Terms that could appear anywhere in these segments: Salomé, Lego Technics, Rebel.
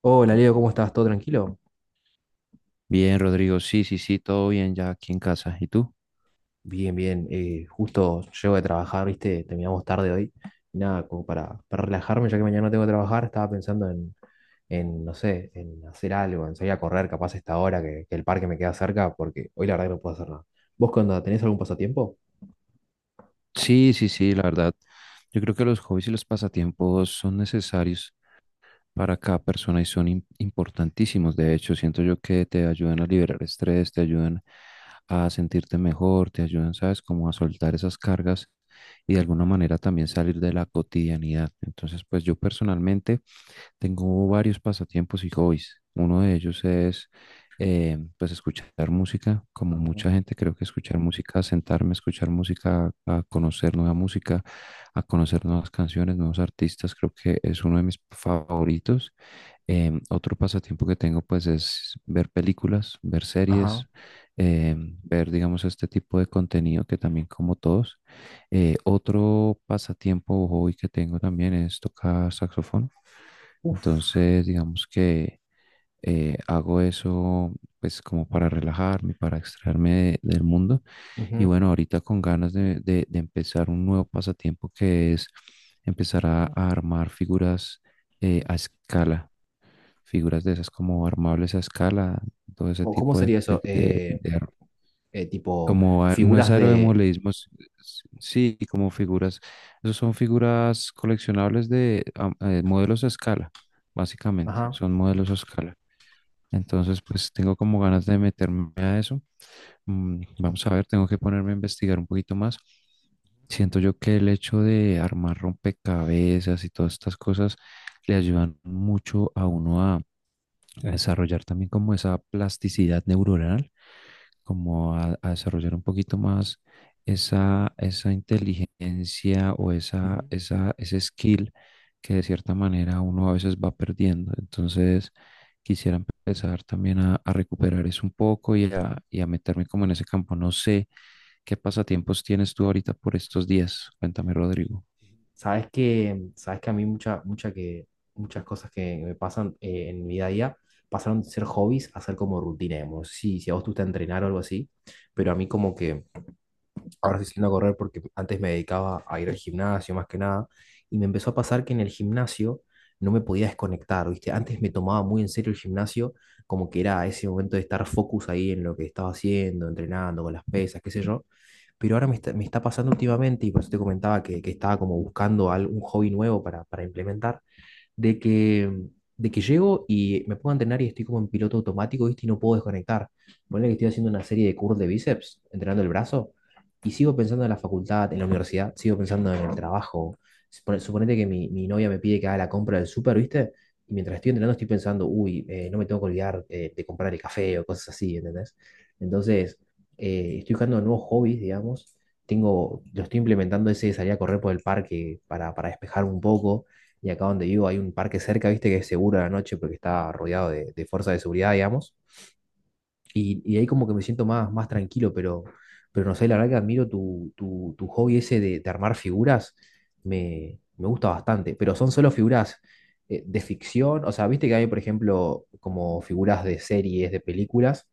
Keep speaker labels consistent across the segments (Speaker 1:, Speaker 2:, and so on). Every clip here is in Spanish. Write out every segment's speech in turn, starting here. Speaker 1: Hola Leo, ¿cómo estás? ¿Todo tranquilo?
Speaker 2: Bien, Rodrigo, sí, sí, sí, todo bien ya aquí en casa. ¿Y tú?
Speaker 1: Bien, bien. Justo llego de trabajar, ¿viste? Terminamos tarde hoy. Y nada, como para relajarme, ya que mañana no tengo que trabajar, estaba pensando no sé, en hacer algo, en salir a correr, capaz a esta hora que el parque me queda cerca, porque hoy la verdad que no puedo hacer nada. ¿Vos cuando tenés algún pasatiempo?
Speaker 2: Sí, sí, sí, la verdad. Yo creo que los hobbies y los pasatiempos son necesarios para cada persona y son importantísimos. De hecho, siento yo que te ayudan a liberar estrés, te ayudan a sentirte mejor, te ayudan, ¿sabes?, como a soltar esas cargas y de alguna manera también salir de la cotidianidad. Entonces, pues yo personalmente, tengo varios pasatiempos y hobbies. Uno de ellos es pues escuchar música, como
Speaker 1: Ajá.
Speaker 2: mucha gente, creo que escuchar música, sentarme a escuchar música, a conocer nueva música, a conocer nuevas canciones, nuevos artistas, creo que es uno de mis favoritos. Otro pasatiempo que tengo pues es ver películas, ver
Speaker 1: Ajá.
Speaker 2: series, ver, digamos, este tipo de contenido que también como todos. Otro pasatiempo o hobby que tengo también es tocar saxofón.
Speaker 1: Uf.
Speaker 2: Entonces, digamos que hago eso pues como para relajarme, para extraerme del mundo. Y
Speaker 1: Ujú.
Speaker 2: bueno, ahorita con ganas de, de empezar un nuevo pasatiempo que es empezar a armar figuras a escala, figuras de esas como armables a escala, todo ese
Speaker 1: Cómo
Speaker 2: tipo
Speaker 1: sería
Speaker 2: de,
Speaker 1: eso?
Speaker 2: de
Speaker 1: Eh, tipo,
Speaker 2: como no es
Speaker 1: Figuras de...
Speaker 2: aerodemorfismo, sí, como figuras. Esos son figuras coleccionables de modelos a escala, básicamente.
Speaker 1: Ajá.
Speaker 2: Son modelos a escala. Entonces, pues tengo como ganas de meterme a eso. Mm, vamos a ver, tengo que ponerme a investigar un poquito más. Siento yo que el hecho de armar rompecabezas y todas estas cosas le ayudan mucho a uno a desarrollar también como esa plasticidad neuronal, como a desarrollar un poquito más esa, esa inteligencia o esa,
Speaker 1: Ujú.
Speaker 2: esa, ese skill que de cierta manera uno a veces va perdiendo. Entonces, quisiera empezar también a recuperar eso un poco y a meterme como en ese campo. No sé qué pasatiempos tienes tú ahorita por estos días. Cuéntame, Rodrigo.
Speaker 1: Sabes que a mí mucha, mucha que, muchas cosas que me pasan en mi día a día pasaron de ser hobbies a ser como rutina, digamos. Sí, si a vos te gusta entrenar o algo así, pero a mí como que ahora estoy saliendo a correr porque antes me dedicaba a ir al gimnasio más que nada, y me empezó a pasar que en el gimnasio no me podía desconectar, ¿viste? Antes me tomaba muy en serio el gimnasio, como que era ese momento de estar focus ahí en lo que estaba haciendo, entrenando, con las pesas, qué sé yo, pero ahora me está pasando últimamente, y por eso te comentaba que estaba como buscando algún hobby nuevo para implementar, de que, de que llego y me pongo a entrenar y estoy como en piloto automático, ¿viste? Y no puedo desconectar. Ponele que estoy haciendo una serie de curls de bíceps, entrenando el brazo, y sigo pensando en la facultad, en la universidad, sigo pensando en el trabajo. Suponete que mi novia me pide que haga la compra del súper, ¿viste? Y mientras estoy entrenando estoy pensando, uy, no me tengo que olvidar de comprar el café o cosas así, ¿entendés? Entonces, estoy buscando nuevos hobbies, digamos. Tengo, lo estoy implementando ese de salir a correr por el parque para despejar un poco. Y acá donde vivo hay un parque cerca, viste, que es seguro a la noche porque está rodeado de fuerzas de seguridad, digamos. Y ahí como que me siento más tranquilo, pero no sé, la verdad que admiro tu hobby ese de armar figuras, me gusta bastante, pero son solo figuras de ficción, o sea, viste que hay, por ejemplo, como figuras de series, de películas,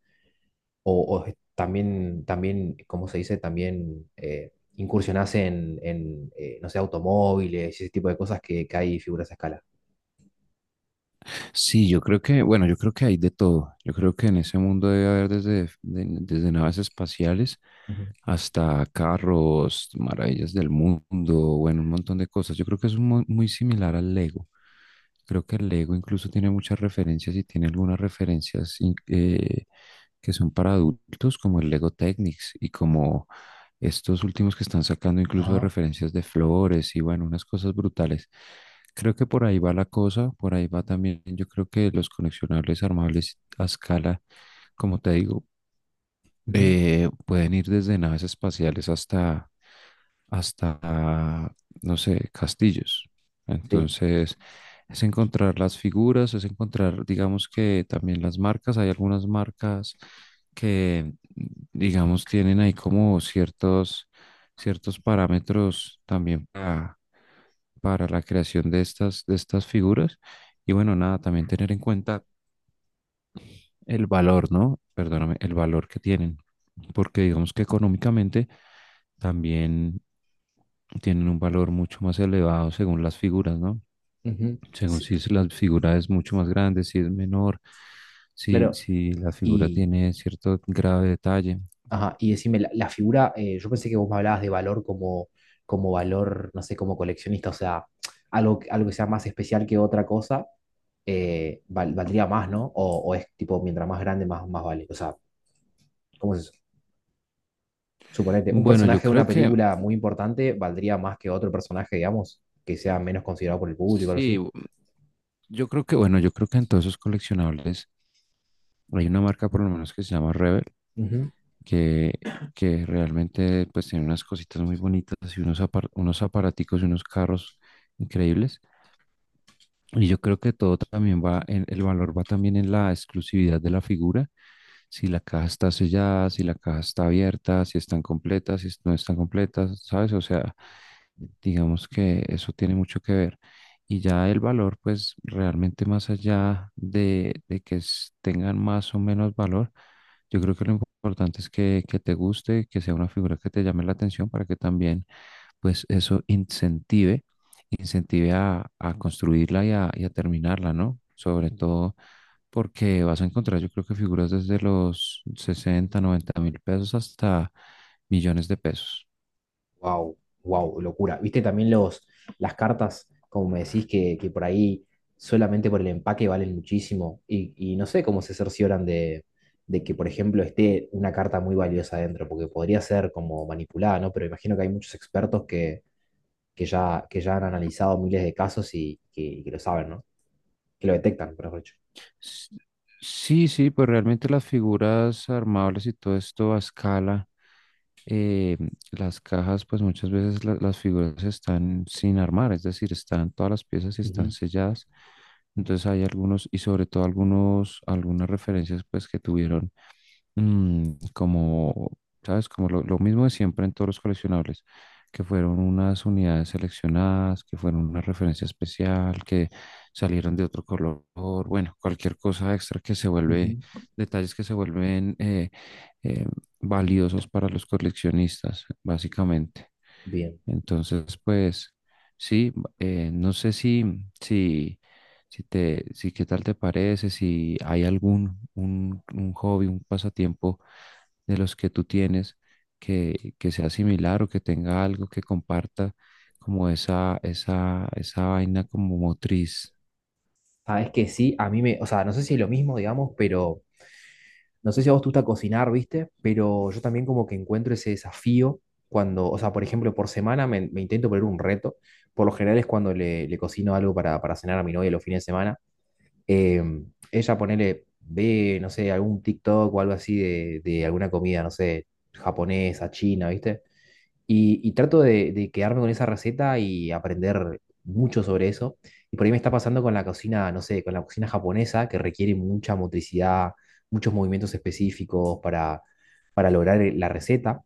Speaker 1: o, también, ¿cómo se dice? También incursionás no sé, automóviles y ese tipo de cosas que hay figuras a escala.
Speaker 2: Sí, yo creo que, bueno, yo creo que hay de todo. Yo creo que en ese mundo debe haber desde, desde naves espaciales hasta carros, maravillas del mundo, bueno, un montón de cosas. Yo creo que es un muy similar al Lego. Creo que el Lego incluso tiene muchas referencias y tiene algunas referencias que son para adultos, como el Lego Technics, y como estos últimos que están sacando incluso de
Speaker 1: Ajá,
Speaker 2: referencias de flores y, bueno, unas cosas brutales. Creo que por ahí va la cosa, por ahí va también, yo creo que los coleccionables armables a escala, como te digo,
Speaker 1: ujú,
Speaker 2: pueden ir desde naves espaciales hasta hasta, no sé, castillos.
Speaker 1: sí,
Speaker 2: Entonces, es encontrar las figuras, es encontrar, digamos, que también las marcas. Hay algunas marcas que, digamos, tienen ahí como ciertos, ciertos parámetros también para la creación de estas figuras. Y bueno, nada, también tener en cuenta el valor, ¿no? Perdóname, el valor que tienen, porque digamos que económicamente también tienen un valor mucho más elevado según las figuras, ¿no?
Speaker 1: ujú,
Speaker 2: Según
Speaker 1: sí,
Speaker 2: si la figura es mucho más grande, si es menor, si,
Speaker 1: claro.
Speaker 2: si la figura
Speaker 1: Y,
Speaker 2: tiene cierto grado de detalle.
Speaker 1: ajá, y decime, la figura, yo pensé que vos me hablabas de valor como, como valor, no sé, como coleccionista, o sea, algo, algo que sea más especial que otra cosa, valdría más, ¿no? O es tipo, mientras más grande, más vale. O sea, ¿cómo es eso? Suponete, un
Speaker 2: Bueno,
Speaker 1: personaje
Speaker 2: yo
Speaker 1: de
Speaker 2: creo
Speaker 1: una
Speaker 2: que,
Speaker 1: película muy importante valdría más que otro personaje, digamos, que sea menos considerado por el público o algo
Speaker 2: sí,
Speaker 1: así.
Speaker 2: yo creo que, bueno, yo creo que en todos esos coleccionables hay una marca por lo menos que se llama Rebel, que, que realmente pues tiene unas cositas muy bonitas y unos, unos aparaticos y unos carros increíbles. Y yo creo que todo también va, el valor va también en la exclusividad de la figura. Si la caja está sellada, si la caja está abierta, si están completas, si no están completas, ¿sabes? O sea, digamos que eso tiene mucho que ver. Y ya el valor, pues realmente más allá de que tengan más o menos valor, yo creo que lo importante es que te guste, que sea una figura que te llame la atención, para que también, pues eso incentive a construirla y a terminarla, ¿no? Sobre todo porque vas a encontrar, yo creo que, figuras desde los 60, 90 mil pesos hasta millones de pesos.
Speaker 1: Wow, wow, locura. ¿Viste también los, las cartas, como me decís, que por ahí solamente por el empaque valen muchísimo? Y no sé cómo se cercioran de que, por ejemplo, esté una carta muy valiosa adentro, porque podría ser como manipulada, ¿no? Pero imagino que hay muchos expertos que ya han analizado miles de casos y que lo saben, ¿no? Que lo detectan, por dicho.
Speaker 2: S- Sí, sí, pues realmente las figuras armables y todo esto a escala, eh, las cajas, pues muchas veces las figuras están sin armar, es decir, están todas las piezas y están
Speaker 1: Ujú,
Speaker 2: selladas. Entonces hay algunos, y sobre todo algunos, algunas referencias, pues, que tuvieron como, ¿sabes? Como lo mismo de siempre en todos los coleccionables, que fueron unas unidades seleccionadas, que fueron una referencia especial, que salieron de otro color, bueno, cualquier cosa extra que se vuelve,
Speaker 1: ujú.
Speaker 2: detalles que se vuelven eh, valiosos para los coleccionistas, básicamente.
Speaker 1: Bien.
Speaker 2: Entonces, pues, sí, no sé si, si, si te, si qué tal te parece, si hay algún un hobby, un pasatiempo de los que tú tienes que sea similar o que tenga algo que comparta como esa vaina como motriz.
Speaker 1: Sabes que sí, o sea, no sé si es lo mismo, digamos, pero no sé si a vos te gusta cocinar, ¿viste? Pero yo también como que encuentro ese desafío cuando, o sea, por ejemplo, por semana me intento poner un reto. Por lo general es cuando le cocino algo para cenar a mi novia los fines de semana. Em, ella ponele, ve, no sé, algún TikTok o algo así de alguna comida, no sé, japonesa, china, ¿viste? Y trato de quedarme con esa receta y aprender mucho sobre eso. Y por ahí me está pasando con la cocina, no sé, con la cocina japonesa, que requiere mucha motricidad, muchos movimientos específicos para lograr la receta.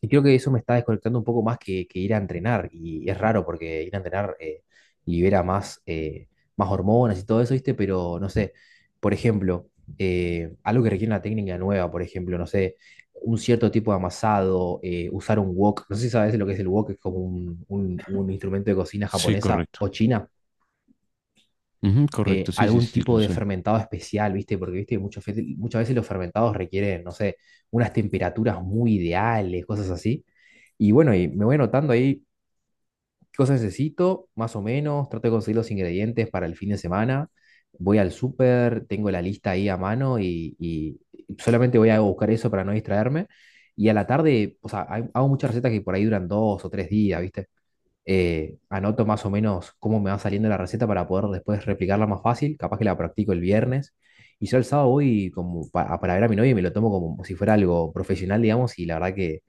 Speaker 1: Y creo que eso me está desconectando un poco más que ir a entrenar. Y es raro porque ir a entrenar libera más hormonas y todo eso, ¿viste? Pero no sé, por ejemplo, algo que requiere una técnica nueva, por ejemplo, no sé, un cierto tipo de amasado, usar un wok. No sé si sabes lo que es el wok, es como un instrumento de cocina
Speaker 2: Sí,
Speaker 1: japonesa o
Speaker 2: correcto.
Speaker 1: china,
Speaker 2: Ujú, correcto, sí, sí,
Speaker 1: algún
Speaker 2: sí,
Speaker 1: tipo
Speaker 2: lo
Speaker 1: de
Speaker 2: sé.
Speaker 1: fermentado especial, ¿viste? Porque, ¿viste? Muchas veces los fermentados requieren, no sé, unas temperaturas muy ideales, cosas así. Y bueno, y me voy anotando ahí qué cosas necesito, más o menos, trato de conseguir los ingredientes para el fin de semana, voy al súper, tengo la lista ahí a mano y solamente voy a buscar eso para no distraerme. Y a la tarde, o sea, hago muchas recetas que por ahí duran dos o tres días, ¿viste? Anoto más o menos cómo me va saliendo la receta para poder después replicarla más fácil, capaz que la practico el viernes, y yo el sábado voy como ver a mi novia y me lo tomo como si fuera algo profesional, digamos, y la verdad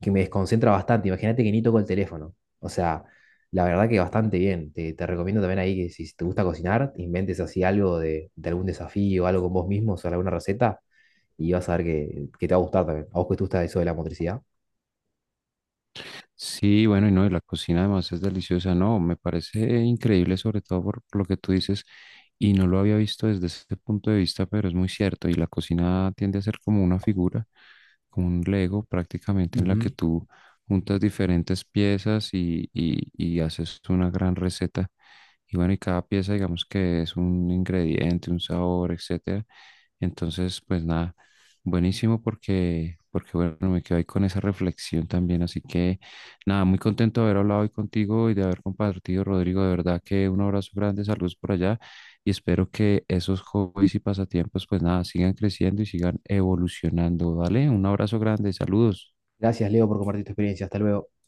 Speaker 1: que me desconcentra bastante, imagínate que ni toco el teléfono, o sea, la verdad que bastante bien, te recomiendo también ahí que si te gusta cocinar, inventes así algo de algún desafío, algo con vos mismo, o sea, alguna receta, y vas a ver que te va a gustar también, a vos que te gusta eso de la motricidad.
Speaker 2: Sí, bueno, y no, y la cocina además es deliciosa, no, me parece increíble sobre todo por lo que tú dices, y no lo había visto desde ese punto de vista, pero es muy cierto, y la cocina tiende a ser como una figura, como un Lego prácticamente en la que
Speaker 1: Ujú.
Speaker 2: tú juntas diferentes piezas y haces una gran receta, y bueno, y cada pieza, digamos, que es un ingrediente, un sabor, etcétera. Entonces, pues nada, buenísimo porque, porque bueno, me quedo ahí con esa reflexión también, así que nada, muy contento de haber hablado hoy contigo y de haber compartido, Rodrigo. De verdad que un abrazo grande, saludos por allá, y espero que esos hobbies y pasatiempos, pues nada, sigan creciendo y sigan evolucionando. Dale, un abrazo grande, saludos.
Speaker 1: Gracias, Leo, por compartir tu experiencia, hasta luego.